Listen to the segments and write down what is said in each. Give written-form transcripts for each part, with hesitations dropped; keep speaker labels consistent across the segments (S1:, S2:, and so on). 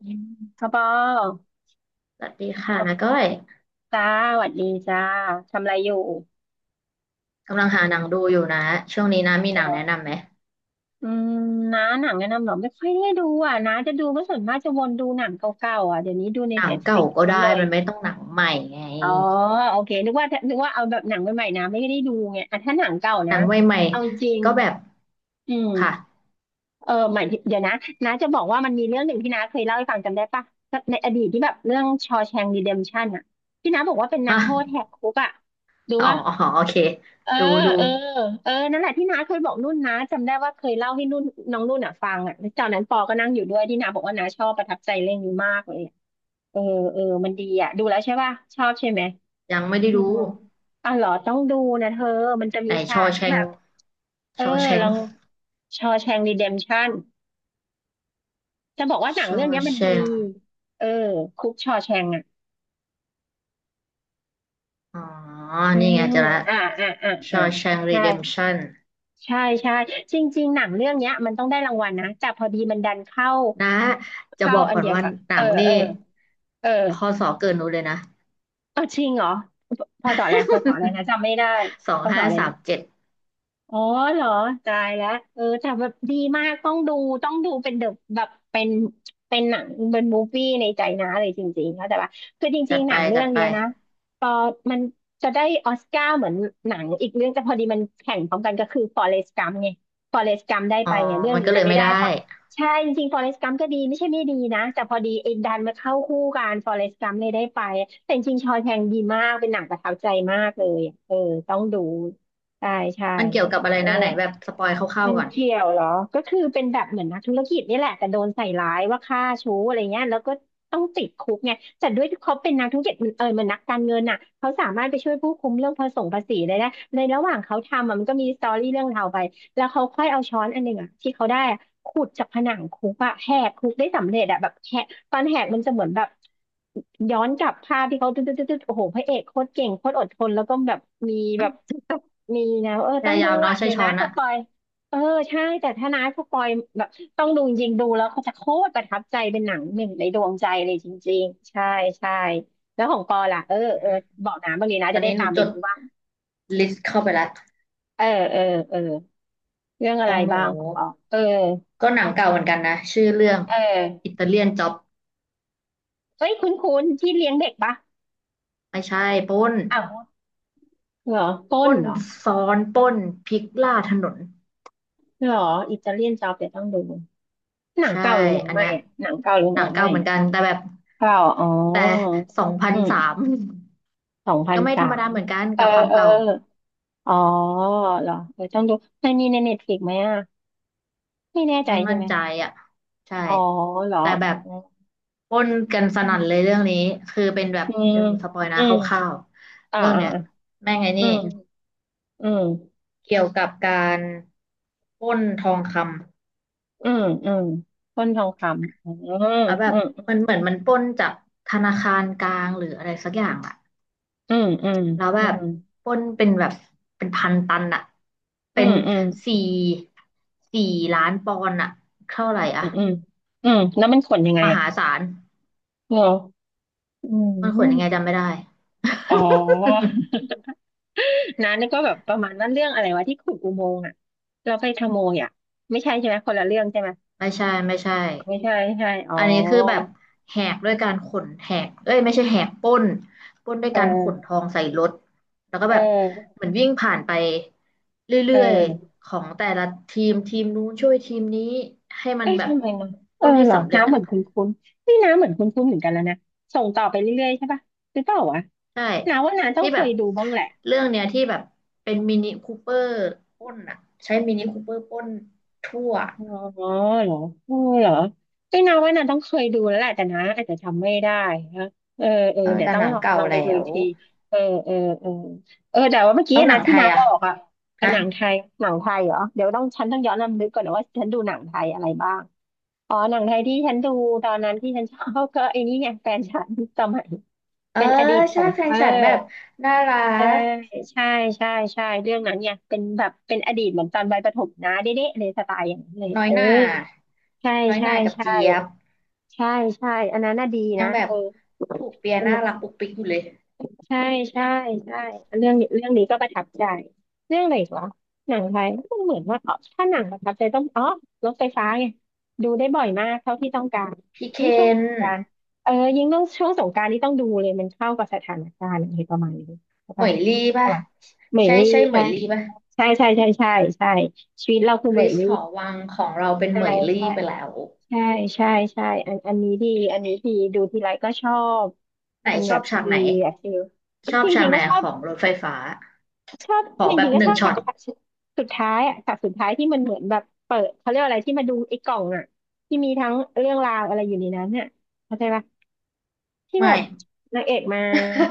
S1: อืมพ่อปอ
S2: สวัสดีค่ะนะก้อย
S1: จ้าสวัสดีจ้าทำอะไรอยู่
S2: กำลังหาหนังดูอยู่นะช่วงนี้นะมีหนังแนะนำไหม
S1: อืมน้าหนังแนะนำเหรอไม่ค่อยได้ดูอ่ะน้าจะดูก็ส่วนมากจะวนดูหนังเก่าๆอ่ะเดี๋ยวนี้ดูใน
S2: หนัง
S1: เน็ตฟลิ
S2: เก่า
S1: ก
S2: ก็
S1: มัน
S2: ได้
S1: เลย
S2: มันไม่ต้องหนังใหม่ไง
S1: อ๋อโอเคนึกว่าเอาแบบหนังใหม่ๆนะไม่ได้ดูไงอ่ะถ้าหนังเก่า
S2: ห
S1: นะ
S2: นังใหม่
S1: เอาจริง
S2: ๆก็แบบ
S1: อืม
S2: ค่ะ
S1: เออหมายถึงเดี๋ยวนะ น้าจะบอกว่ามันมีเรื่องหนึ่งที่น้าเคยเล่าให้ฟังจำได้ปะในอดีตที่แบบเรื่องชอแชงรีเดมชั่นอ่ะที่น้าบอกว่าเป็นนั
S2: อ่ะ
S1: กโทษแหกคุกอ่ะดู
S2: อ๋อ
S1: ปะ
S2: อ๋อโอเค
S1: เออ
S2: ดูดู
S1: เออเออนั่นแหละที่น้าเคยบอกนุ่นนะจำได้ว่าเคยเล่าให้นุ่นน้องนุ่นอ่ะฟังอ่ะแล้วตอนนั้นปอก็นั่งอยู่ด้วยที่น้าบอกว่าน้าชอบประทับใจเรื่องนี้มากเลยอะเออเออมันดีอ่ะดูแล้วใช่ป่ะชอบใช่ไหม
S2: ยังไม่ได้
S1: อื
S2: ดู
S1: มอ๋อเหรอต้องดูนะเธอมันจะ
S2: ไห
S1: มี
S2: นช
S1: ฉา
S2: อ
S1: ก
S2: แช
S1: ที่แบ
S2: ง
S1: บเอ
S2: ช
S1: อ
S2: อแช
S1: ล
S2: ง
S1: องชอแชงรีเดมชั่นจะบอกว่าหนั
S2: ช
S1: ง
S2: อ
S1: เรื่องเนี้ยมั
S2: แช
S1: นดี
S2: ง
S1: เออคุกชอแชงอ่ะ
S2: อ๋อ
S1: อื
S2: นี่
S1: ม
S2: ไงเจะละ
S1: อ่าอ่าอ่า
S2: ช
S1: อ่า
S2: อแชงรี
S1: ใช่
S2: เดมชั่น
S1: ใช่ใช่จริงๆหนังเรื่องเนี้ยมันต้องได้รางวัลนะแต่พอดีมันดันเข้า
S2: นะจะ
S1: เข้า
S2: บอก
S1: อัน
S2: ก่อน
S1: เดียว
S2: ว่า
S1: กับ
S2: หนั
S1: เออ
S2: งนี่
S1: เออเออ
S2: พศเกินหนูเลยนะ
S1: เออจริงเหรอพพอสออะไรนะจำไม่ได้
S2: สอ
S1: พ
S2: ง
S1: อสอ
S2: ห้า
S1: อะไร
S2: สา
S1: นะ
S2: มเจ็ด
S1: อ๋อเหรอตายแล้วเออแต่แบบดีมาก ต้องดูต้องดูเป็นเดอะแบบเป็นเป็นหนังเป็นมูฟวี่ในใจนะเลยจริงๆเข้าใจปะคือจริ
S2: จั
S1: ง
S2: ด
S1: ๆห
S2: ไป
S1: นังเรื่
S2: จั
S1: อ
S2: ด
S1: ง
S2: ไป
S1: เนี้ยนะพอมันจะได้ออสการ์เหมือนหนังอีกเรื่องแต่พอดีมันแข่งพร้อมกันก็คือฟอเรสต์กัมไงฟอเรสต์กัมได้
S2: อ๋อ
S1: ไปไงเรื่อง
S2: มัน
S1: นี้
S2: ก็
S1: เล
S2: เล
S1: ย
S2: ย
S1: ไม่
S2: ไม่
S1: ได้
S2: ได้
S1: เพราะใช่จริงๆฟอเรสต์กัมก็ดีไม่ใช่ไม่ดีนะแต่พอดีไอ้ดันมาเข้าคู่กันฟอเรสต์กัมเลยได้ไปแต่จริงๆชอว์แชงก์ดีมาก เป็นหนังประทับใจมากเลยเออต้องดูใช่ใช่
S2: มันเกี่ยวกับอะไร
S1: เออ
S2: นะไหนแบบสปอยคร่าว
S1: มัน
S2: ๆก่อน
S1: เกี่ยวเหรอก็คือเป็นแบบเหมือนนักธุรกิจนี่แหละแต่โดนใส่ร้ายว่าฆ่าชู้อะไรเงี้ยแล้วก็ต้องติดคุกไงแต่ด้วยที่เขาเป็นนักธุรกิจมันเออมันนักการเงินน่ะเขาสามารถไปช่วยผู้คุมเรื่องภาษีได้นะในระหว่างเขาทำอะมันก็มีสตอรี่เรื่องราวไปแล้วเขาค่อยเอาช้อนอันหนึ่งอ่ะที่เขาได้อะขุดจากผนังคุกอะแหกคุกได้สำเร็จอะแบบแหกตอนแหกมันจะเหมือนแบบย้อนกลับภาพที่เขาตึ๊ดตึ๊ดตึ๊ดตึ๊ดโอ้โหพระเอกโคตรเก่งโคตรอดทนแล้วก็แบบมีแบบมีนะเออ
S2: พ
S1: ต้อง
S2: ยา
S1: ดู
S2: ยามเนาะ
S1: อ่ะ
S2: ใช่
S1: เดี๋ยว
S2: ช้อ
S1: นะ
S2: น
S1: ส
S2: อะ
S1: ปอย เออใช่แต่ถ้าน้าผู้ปอยแบบต้องดูจริงๆดูแล้วเขาจะโคตรประทับใจเป็นหนังหนึ่งในดวงใจเลยจริงๆใช่ใช่แล้วของปอล่ะเออ
S2: อื
S1: เออ
S2: ม
S1: บอกน้าบ้างดีนะ
S2: ตอ
S1: จะ
S2: น
S1: ได้
S2: นี้ห
S1: ตา
S2: นู
S1: มไป
S2: จด
S1: ดูบ้าง
S2: ลิสต์เข้าไปแล้ว
S1: เออเออเออเรื่อง
S2: ข
S1: อะ
S2: อ
S1: ไร
S2: งหนู
S1: บ้างของปอเออ
S2: ก็หนังเก่าเหมือนกันนะชื่อเรื่อง
S1: เออ
S2: อิตาเลียนจ็อบ
S1: เฮ้ยคุ้นๆที่เลี้ยงเด็กปะ
S2: ไม่ใช่ปล้น
S1: อ้าวเหรอต้
S2: ป
S1: น
S2: ล้น
S1: เหรอ
S2: ซ้อนปล้นพลิกล่าถนน
S1: เหรออิตาเลียนจ็อบเดี๋ยวต้องดูหนัง
S2: ใช่
S1: เก่าหรือหนัง
S2: อัน
S1: ใหม่
S2: เนี้ย
S1: อะหนังเก่าหรือ
S2: ห
S1: ห
S2: นั
S1: นั
S2: ง
S1: งให
S2: เก่า
S1: ม่
S2: เหมือน
S1: อะ
S2: กันแต่แบบ
S1: เก่าอ๋อ
S2: แต่สองพัน
S1: อืม
S2: สาม
S1: สองพั
S2: ก็
S1: น
S2: ไม่
S1: สา
S2: ธรรมดา
S1: ม
S2: เหมือนกัน
S1: เออ
S2: กับความ
S1: เออ
S2: เก่า
S1: อ๋อเหรอเออต้องดูมันมีในเน็ตฟลิกไหมอ่ะไม่แน่ใจ
S2: ไม่
S1: ใช่
S2: มั่น
S1: ไหม
S2: ใจอ่ะใช่
S1: อ๋อเหรอ
S2: แต่แบบ
S1: อื
S2: ป้นกันสนั่นเลย
S1: ม
S2: เรื่องนี้คือเป็นแบบ
S1: อืม
S2: เดี๋ยวหนูสปอยนะ
S1: อื
S2: ค
S1: ม
S2: ร่าวๆ
S1: อ่า
S2: เรื่อง
S1: อ่า
S2: เนี้ยแม่งไง
S1: ออื
S2: นี่
S1: มอืม
S2: เกี่ยวกับการปล้นทองค
S1: อืมอืมต้นทองคำอืม
S2: ำแล้วแบ
S1: อื
S2: บ
S1: ม
S2: มันเหมือนมันปล้นจากธนาคารกลางหรืออะไรสักอย่างอะ
S1: อืมอืม
S2: แล้วแบ
S1: อื
S2: บ
S1: ม
S2: ปล้นเป็นแบบเป็นพันตันอะ
S1: อื
S2: เป็น
S1: มอืม
S2: สี่สี่ล้านปอนด์อะเท่าไหร่
S1: อื
S2: อ่ะ
S1: มอืมอืมแล้วมันขนยังไง
S2: ม
S1: อ่ะ
S2: หาศาล
S1: เหรออื
S2: มันขนยังไง
S1: ม
S2: จำไม่ได้
S1: อ๋อ นะนี่ก็แบบประมาณนั้นเรื่องอะไรวะที่ขุดอุโมงค์อ่ะเราไปขโมยอ่ะไม่ใช่ใช่ไหมคนละเรื่องใช่ไหม
S2: ไม่ใช่ไม่ใช่
S1: ไม่ใช่ไม่ใช่อ๋อ
S2: อันนี้คือแบบแหกด้วยการขนแหกเอ้ยไม่ใช่แหกปล้นปล้นด้วย
S1: เอ
S2: การขนท
S1: อ
S2: องใส่รถแล้วก็
S1: เ
S2: แบบ
S1: ออ
S2: เหมือนวิ่งผ่านไปเร
S1: เ
S2: ื่อย
S1: ออ
S2: ๆของแต่ละทีมทีมนู้นช่วยทีมนี้ให้มั
S1: เอ้
S2: น
S1: ย
S2: แบบ
S1: ทำไมเนาะ
S2: ป
S1: เออ
S2: ล้นให้
S1: เหรอ
S2: สำเร็จ
S1: น้ำเห
S2: อ่ะ
S1: มือนคุ้นคุ้นนี่น้ำเหมือนคุ้นคุ้นเหมือนกันแล้วนะ ส่งต่อไปเรื่อยๆใช่ปะหรือเปล่าวะ
S2: ใช่
S1: น้าว่าน้าต้อ
S2: ที่
S1: งเค
S2: แบบ
S1: ยดูบ้างแหละ
S2: เรื่องเนี้ยที่แบบเป็นมินิคูเปอร์ปล้นอ่ะใช้มินิคูเปอร์ปล้นทั่ว
S1: อ๋อเหรอเออเหรอไม่นาว่านาต้องเคยดูแล้วแหละแต่นะอาจจะจำไม่ได้นะเออเออ
S2: เออ
S1: เดี๋ยว
S2: แต่
S1: ต้อ
S2: ห
S1: ง
S2: นัง
S1: ลอง
S2: เก่า
S1: ลองไป
S2: แล้
S1: ดูอีก
S2: ว
S1: ทีเออเออเออเออแต่ว่าเมื่อกี้
S2: เอาหนั
S1: นะ
S2: งไท
S1: ที่นา
S2: ย
S1: บ
S2: อ่ะ
S1: อกอะ
S2: ฮะ
S1: หนังไทยหนังไทยเหรอเดี๋ยวต้องฉันต้องย้อนรำลึกก่อนนะว่าฉันดูหนังไทยอะไรบ้างอ๋อหนังไทยที่ฉันดูตอนนั้นที่ฉันชอบ ก็ไอ้นี่ไงแฟนฉันสมัย
S2: เออ
S1: เป็นอดีตข
S2: ใช่
S1: อง
S2: แฟ
S1: เอ
S2: น
S1: อ
S2: ฉันแบบน่ารั
S1: ใช่
S2: ก
S1: ใช่ใช่ใช่เรื่องนั้นเนี่ยเป็นแบบเป็นอดีตเหมือนตอนวัยประถมนะเด๊ะๆเลยสไตล์อย่างนั้นเลย
S2: น้
S1: อะ
S2: อย
S1: เออ
S2: หน่า
S1: ใช่
S2: น้อยห
S1: ใช่
S2: น่ากับ
S1: ใช่
S2: เจี๊ยบ
S1: ใช่ใช่อันนั้นน่ะดี
S2: ยั
S1: นะ
S2: งแบ
S1: เอ
S2: บ
S1: อ
S2: ผูกเปีย
S1: ส
S2: น่า
S1: นุก
S2: รักปุกปิกอยู่เลย
S1: ใช่ใช่ใช่เรื่องนี้เรื่องนี้ก็ประทับใจเรื่องอะไรอีกวะหนังไทยมันเหมือนว่าอ๋อถ้าหนังประทับใจต้องอ๋อรถไฟฟ้าไงดูได้บ่อยมากเท่าที่ต้องการ
S2: พี่เค
S1: ยิ่งช่วงส
S2: น
S1: งกรานต์เออยิ่งต้องช่วงสงกรานต์นี่ต้องดูเลยมันเข้ากับสถานการณ์อะไรประมาณนี้ใช่
S2: เหม
S1: ปะ
S2: ยลี่
S1: ใช่
S2: ป่ะ
S1: ปะเหมย
S2: ใช่
S1: ลี่
S2: ใช่เหม
S1: ใช่
S2: ยลี่ป่ะ
S1: ใช่ใช่ใช่ใช่ใช่ชีวิตเราคือ
S2: ค
S1: เหม
S2: ริ
S1: ย
S2: ส
S1: ลี่
S2: หอวังของเราเป็น
S1: ใช่
S2: เหมยลี่
S1: ใช่
S2: ไปแล้ว
S1: ใช่ใช่ใช่อันอันนี้ดีอันนี้ดีดูทีไรก็ชอบ
S2: ไหน
S1: เป็น
S2: ช
S1: แบ
S2: อ
S1: บ
S2: บฉาก
S1: ดี
S2: ไหน
S1: อะฟิล
S2: ชอบ
S1: จ
S2: ฉา
S1: ริ
S2: ก
S1: งๆ
S2: ไหน
S1: ก็ชอบ
S2: ของรถไฟฟ้า
S1: ชอบ
S2: ขอ
S1: จ
S2: แบ
S1: ริ
S2: บ
S1: งๆก็
S2: ห
S1: ช
S2: นึ่ง
S1: อบ
S2: ช็
S1: ฉา
S2: อ
S1: ก
S2: ต
S1: ฉากสุดท้ายอะฉากสุดท้ายที่มันเหมือนแบบเปิดเขาเรียกอะไรที่มาดูไอ้กล่องอ่ะที่มีทั้งเรื่องราวอะไรอยู่ในนั้นเนี่ยเข้าใจปะที่แบ
S2: ไม่
S1: บนางเอกมา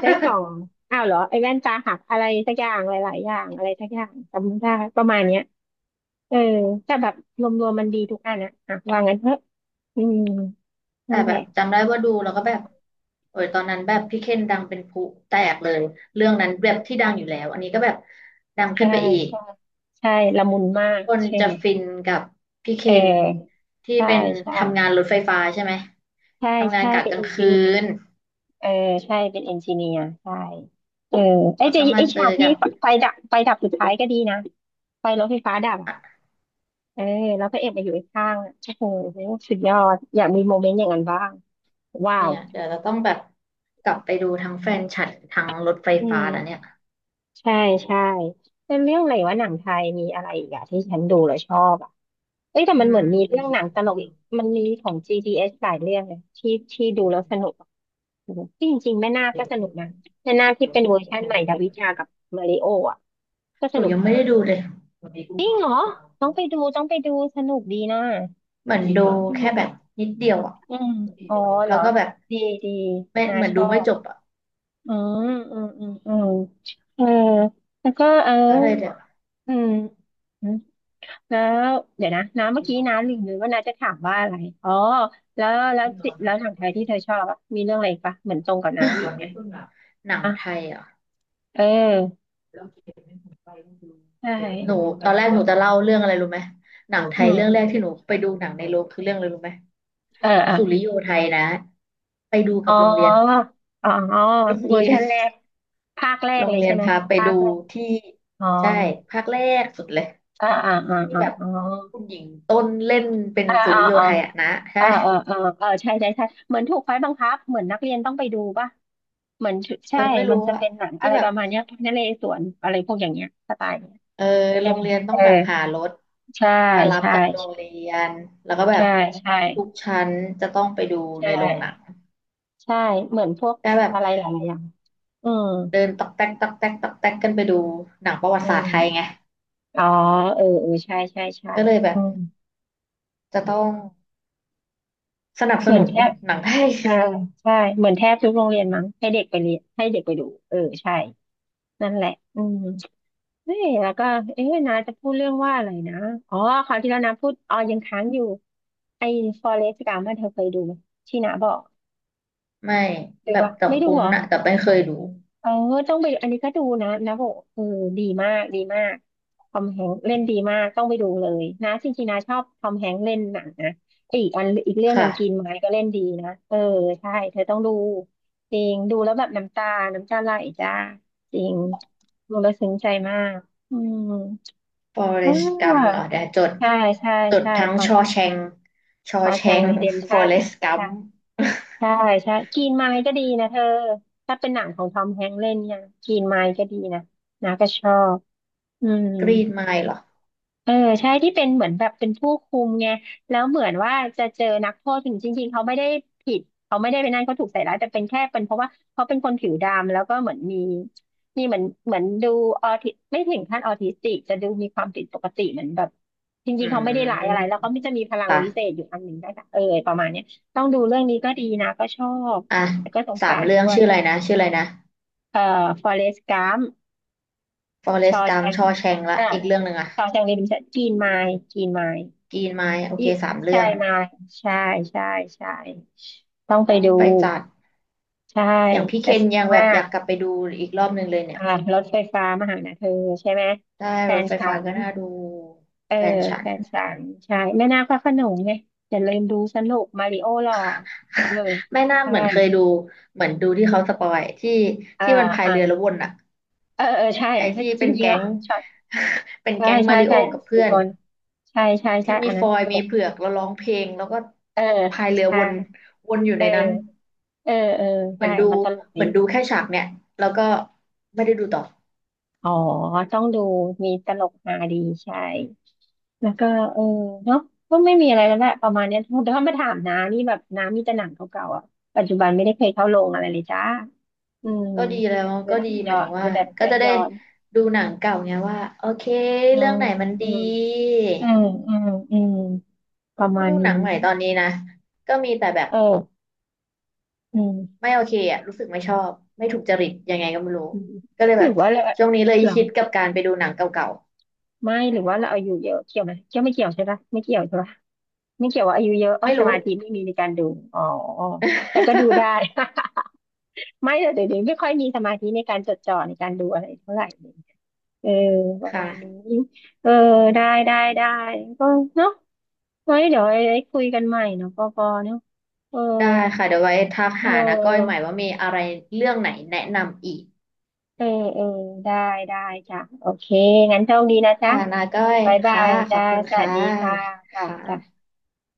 S1: ได้กล่อ งอ้าวเหรอไอ้แว่นตาหักอะไรสักอย่างหลายๆอย่างอะไรสักอย่างจำไม่ได้ประมาณเนี้ยเออแต่แบบรวมๆมันดีทุกอันอะอ่ะว่างั้นเถอะอืม
S2: แต่
S1: นั่นแห
S2: แบ
S1: ละ
S2: บจำได้ว่าดูแล้วก็แบบโอ้ยตอนนั้นแบบพี่เคนดังเป็นพลุแตกเลยเรื่องนั้นแบบที่ดังอยู่แล้วอันนี้ก็แบบดัง
S1: ใช่
S2: ขึ้นไปอีก
S1: ใช่ใช่ละมุนมาก
S2: คน
S1: ใช่
S2: จะ
S1: ไหม
S2: ฟินกับพี่เค
S1: เอ
S2: น
S1: อ
S2: ที่
S1: ใช่
S2: เป็น
S1: ใช่
S2: ทำงานรถไฟฟ้าใช่ไหม
S1: ใช่
S2: ทำงาน
S1: ใช่
S2: กะ
S1: เป็น
S2: กลา
S1: เอ
S2: ง
S1: นจิ
S2: คื
S1: เนีย
S2: น
S1: เออใช่เป็นเอนจิเนียร์ใช่เออ
S2: แล้วก็มา
S1: ไอ้
S2: เจ
S1: ฉาก
S2: อ
S1: ที่
S2: กับ
S1: ไฟดับไฟดับสุดท้ายก็ดีนะไฟรถไฟฟ้าดับอะ
S2: อ่ะ
S1: เออแล้วพระเอกมาอยู่ข้างๆอะโอ้โหสุดยอดอยากมีโมเมนต์อย่างนั้นบ้างว้า
S2: เนี่
S1: ว
S2: ยเดี๋ยวเราต้องแบบกลับไปดูทั้งแฟนฉันทั้งรถไฟ
S1: อื
S2: ฟ้าแล้วเนี่ย
S1: มใช่ใช่เป็นเรื่องอะไรวะหนังไทยมีอะไรอีกอะที่ฉันดูแล้วชอบอะ เอ้ยแต่มั
S2: อื
S1: นเหมือนมีเรื่องหนั
S2: ม
S1: งตลกอีกมันมีของ GDS หลายเรื่องเลยที่ดูแล้วสนุกอะที่จริงๆแม่นาคก็สนุกนะแม่นาคที่เป็นเวอร์ชันใหม่ดาวิชากับมาริโออ่ะก็
S2: ห
S1: ส
S2: นู
S1: นุก
S2: ยังไม่ได้ดูเลยเห
S1: จริงเหรอต้องไปดูต้องไปดูสนุกดีนะ
S2: มือนดู
S1: อื
S2: แค่แบ
S1: ม
S2: บนิดเดียวอ่ะ
S1: อืมอ๋อเหร
S2: แล้
S1: อ
S2: วก็แบบ
S1: ดีดี
S2: ไม่
S1: นา
S2: เหมือน
S1: ช
S2: ดู
S1: อ
S2: ไม่
S1: บ
S2: จบอ่ะ
S1: อืมอืมอืมอืมเออแล้วก็เออ
S2: ก็เลยเดี๋ยว
S1: อืม แล้วเดี๋ยวนะน้าเมื่อกี้น้าลืมเลยว่าน้าจะถามว่าอะไรอ๋อแล้วแล้วจิแล้วหนังไทยที่เธอชอบอะมีเรื่องอะไรอีกปะเหมือนตรงกับน้ามีอีกไหม
S2: หนัง
S1: อ่ะ
S2: ไทยอ่ะ
S1: เออ
S2: หมด
S1: ใช่
S2: หนูตนอวนแรกหหนูจะเล่าเรื่องอะไรรู้ไหมหนังไท
S1: อื
S2: ยเรื่องแร
S1: ม
S2: กที่หนูไปดูหนังในโรงคือเรื่องอะไรรู้ไหม
S1: เออเออ
S2: สุริโยไทยนะไปดู
S1: อ๋
S2: กับโรงเรียน
S1: ออ๋อ
S2: โรง
S1: เวอ
S2: เรี
S1: ร์
S2: ย
S1: ชั
S2: น
S1: นแรกภาคแร
S2: โร
S1: ก
S2: ง
S1: เลย
S2: เรีย
S1: ใช่
S2: น
S1: ไหม
S2: พาไป
S1: ภา
S2: ดู
S1: คแรก
S2: ที่
S1: อ๋อ
S2: ใช่ภาคแรกสุดเลย
S1: อ่าอ่าอ่า
S2: ที่
S1: อ่า
S2: แบบ
S1: อ๋อ
S2: คุณหญิงต้นเล่นเป็น
S1: อ่า
S2: สุ
S1: อ่า
S2: ริโย
S1: อ่า
S2: ไทยอะนะใช่
S1: อ่า
S2: ไหม
S1: อ่าอ่าอ่าใช่ใช่ใช่เหมือนถูกไฟบังคับเหมือนนักเรียนต้องไปดูป่ะเหมือน
S2: เอ
S1: ใช่
S2: อไม่
S1: มั
S2: รู้
S1: นจะ
S2: อะ
S1: เป็นหนังอะ
S2: ที่
S1: ไร
S2: แบ
S1: ป
S2: บ
S1: ระมาณเนี้ยพนเรศวรอะไรพวกอย่างเงี้ยสไตล์เนี้ย
S2: เออโร
S1: ใช่ไห
S2: ง
S1: ม
S2: เรียนต้อ
S1: เอ
S2: ง
S1: อ
S2: แบบหารถ
S1: ใช่
S2: ไปรับ
S1: ใช่
S2: จากโรงเรียน แล้วก็แบ
S1: ใช่
S2: บ
S1: ใช่
S2: ทุกชั้นจะต้องไปดู
S1: ใช
S2: ในโรงหนัง
S1: ่ใช่เหมือนพวก
S2: ก็แบบ
S1: อะไรหลายๆอย่างอืม
S2: เดินตอกแตกตอกแตกตอกแตกกันไปดูหนังประวั
S1: อื
S2: ติศาสตร์
S1: ม
S2: ไทยไง
S1: อ๋อเออเออใช่ใช่ใช่
S2: ก็เลยแบ
S1: อื
S2: บ
S1: ม
S2: จะต้องสนับส
S1: เหมือน
S2: นุน
S1: แทบ
S2: หนังไทย
S1: ใช่ใช่เหมือนแทบทุกโรงเรียนมั้งให้เด็กไปเรียนให้เด็กไปดูเออใช่นั่นแหละอืม เอ๊ะแล้วก็เอ๊ะนาจะพูดเรื่องว่าอะไรนะอ๋อคราวที่แล้วนาพูดอ๋อยังค้างอยู่ไอ้ Forrest Gump อะเธอเคยดูไหมที่นาบอก
S2: ไม่
S1: ดู
S2: แบบ
S1: ปะ
S2: แต่
S1: ไม่ดู
S2: คุ้น
S1: เหรอ
S2: นะแต่ไม่เคยดู
S1: เออต้องไปดูอันนี้ก็ดูนะนะบอกเออดีมากดีมากทอมแฮงค์เล่นดีมากต้องไปดูเลยนะจริงๆนาชอบทอมแฮงค์เล่นหนังนะไอ้อีกอันอีกเรื่องหนึ่
S2: ค่ะ
S1: งกินไม้ก็เล่นดีนะเออใช่เธอต้องดูจริงดูแล้วแบบน้ำตาน้ำตาไหลจ้าจริงดูแล้วซึ้งใจมากอืมอ่า
S2: Forrest Gump เหรอเดี๋ยวจด
S1: ใช่ใช่
S2: จด
S1: ใช่
S2: ทั้ง
S1: พอ
S2: ชอแชงชอ
S1: ชอ
S2: แช
S1: แชง
S2: ง
S1: รีเดมชั่น
S2: Forrest
S1: ค่ะ
S2: Gump
S1: ใช่ใช่กรีนไมล์ก็ดีนะเธอ ถ้าเป็นหนังของทอมแฮงค์เล่นเนี่ยกรีนไมล์ก็ดีนะนะก็ชอบอืม
S2: Green Mile เหรอ
S1: เออใช่ที่เป็นเหมือนแบบเป็นผู้คุมไงแล้วเหมือนว่าจะเจอนักโทษถึงจริงๆเขาไม่ได้ผิดเขาไม่ได้เป็นนั่นเขาถูกใส่ร้ายแต่เป็นแค่เป็นเพราะว่าเขาเป็นคนผิวดำแล้วก็เหมือนมีมีเหมือนเหมือนดูออทิไม่ถึงขั้นออทิสติกจะดูมีความผิดปกติเหมือนแบบจ
S2: อื
S1: ริงๆเขาไม่ได้ร้ายอะ
S2: ม
S1: ไรแล้วเขาไม่จะมีพลัง
S2: ค่ะ
S1: วิเศษอยู่อันหนึ่งได้ค่ะเออประมาณเนี้ยต้องดูเรื่องนี้ก็ดีนะก็ชอบ
S2: อ่ะ
S1: แต่ก็สง
S2: สา
S1: สา
S2: ม
S1: ร
S2: เรื่อ
S1: ด้
S2: ง
S1: วย
S2: ชื่ออะไรนะชื่ออะไรนะ
S1: เอ่อฟอเรสต์กัม
S2: ฟอเร
S1: ชอ
S2: สต์กั
S1: แช
S2: ม
S1: ง
S2: ชอแชงละ
S1: อ่า
S2: อีกเรื่องหนึ่งอะ
S1: ชอแชงรีเดมชั่นกรีนไมล์กรีนไมล์
S2: กีนไม้โอ
S1: อี
S2: เค
S1: ฟ
S2: สาม
S1: ใช่
S2: เรื่อง
S1: มายใช่ใช่ใช่ต้องไป
S2: ต้อง
S1: ดู
S2: ไปจัด
S1: ใช่
S2: อย่างพี่เค
S1: จะส
S2: น
S1: นุก
S2: ยังแบ
S1: มา
S2: บอยากก
S1: ก
S2: ลับไปดูอีกรอบหนึ่งเลยเนี่
S1: อ่า
S2: ย
S1: รถไฟฟ้ามาหานะเธอใช่ไหม
S2: ได้
S1: แฟ
S2: ร
S1: น
S2: ถไฟ
S1: ฉั
S2: ฟ้า
S1: น
S2: ก็น่าดู
S1: เออ
S2: แฟนฉั
S1: แฟ
S2: น
S1: นฉันใช่แม่นาคพระโขนงไงอย่าลืมดูสนุกมาริโอหล่อเออ
S2: ไม่น่า
S1: ใช่
S2: เหมือนเคยดูเหมือนดูที่เขาสปอยที่
S1: อ่า
S2: ที่มันพาย
S1: อ่า
S2: เรือแล้ววนอะ
S1: เออเออใช่
S2: ไอที่
S1: จ
S2: เป็น
S1: ริง
S2: แก๊
S1: ๆอ่ะ
S2: ง
S1: ช็อต
S2: เป็น
S1: ใช่
S2: แก๊งมา
S1: ใช่
S2: ริโอ
S1: ใช่
S2: กับเพื่
S1: สี่
S2: อน
S1: คนใช่ใช่
S2: ที่
S1: ใช่
S2: มี
S1: อัน
S2: ฟ
S1: นั้น
S2: อย
S1: ต
S2: ล์มี
S1: ลก
S2: เผือกแล้วร้องเพลงแล้วก็
S1: เออ
S2: พายเรือ
S1: ใช่
S2: วนวนอยู่
S1: เอ
S2: ใน
S1: อ
S2: นั้น
S1: เออเออ
S2: เหมื
S1: ใช่
S2: อนดู
S1: มันตลก
S2: เห
S1: ดี
S2: มือนดูแค่ฉากเนี่ยแล้วก็ไม่ได้ดูต่อ
S1: อ๋อ ต้องดูมีตลกฮาดีใช่ แล้วก็เออเนาะก็ไม่มีอะไรแล้วแหละประมาณเนี้ยแต่ถ้ามาถามน้านี่แบบน้ามีแต่หนังเก่าๆอ่ะปัจจุบันไม่ได้เคยเข้าโรงอะไรเลยจ้าอืม
S2: ก็ดีแล้ว
S1: ดู
S2: ก็
S1: แบบ
S2: ดีห
S1: ย้
S2: มา
S1: อ
S2: ยถึ
S1: น
S2: ง
S1: ดู
S2: ว่า
S1: แบบ
S2: ก็
S1: ย้อน
S2: จะได้
S1: ย้อน
S2: ดูหนังเก่าไงว่าโอเค
S1: อื
S2: เรื่อง
S1: ม
S2: ไหนมัน
S1: อื
S2: ดี
S1: มอืมอืมอืมประ
S2: เพ
S1: มา
S2: ราะ
S1: ณ
S2: ดูห
S1: นี้
S2: นังใหม่ตอนนี้นะก็มีแต่แบบ
S1: เอออืม
S2: ไม่โอเคอ่ะรู้สึกไม่ชอบไม่ถูกจริตยังไงก็ไม่รู้
S1: อืม
S2: ก็เลย
S1: ห
S2: แบ
S1: รื
S2: บ
S1: อว่าเรา
S2: ช่วงนี้เลย
S1: เหรอ
S2: คิดกับการไปดูหนังเก่า
S1: ไม่หรือว่าเราอายุเยอะเกี่ยวไหมเกี่ยวไม่เกี่ยวใช่ปะไม่เกี่ยวใช่ปะ ไม่เกี่ยวว่าอายุเยอะ
S2: ๆ
S1: อ๋อ
S2: ไม่
S1: ส
S2: รู้
S1: มาธิไม่มีในการดูอ๋อแต่ก็ดูได้ ไม่แต่เดี๋ยวนี้ไม่ค่อยมีสมาธิในการจดจ่อในการดูอะไรเท่าไหร่เลยเออป ระมาณนี้
S2: ค่ะ
S1: เออได้ได้ได้ก็เนาะไว้เดี๋ยวไอ้คุยกันใหม่เนาะปอปอเนาะเออ
S2: ได้ค่ะเดี๋ยวไว้ทัก
S1: เ
S2: หานะก้อยใหม่
S1: ออ
S2: ว่ามีอะไรเรื่องไหนแนะนำอีก
S1: เออเออได้ได้จ้ะโอเคงั้นโชคดีนะ
S2: ค่ะ
S1: จ๊ะ
S2: นาก้อย
S1: บายบา
S2: ค่ะ
S1: ย
S2: ขอ
S1: จ้า
S2: บคุณ
S1: สวัส
S2: ค่ะ
S1: ดีค่ะ
S2: ค
S1: จ้ะจ้ะ
S2: ่ะ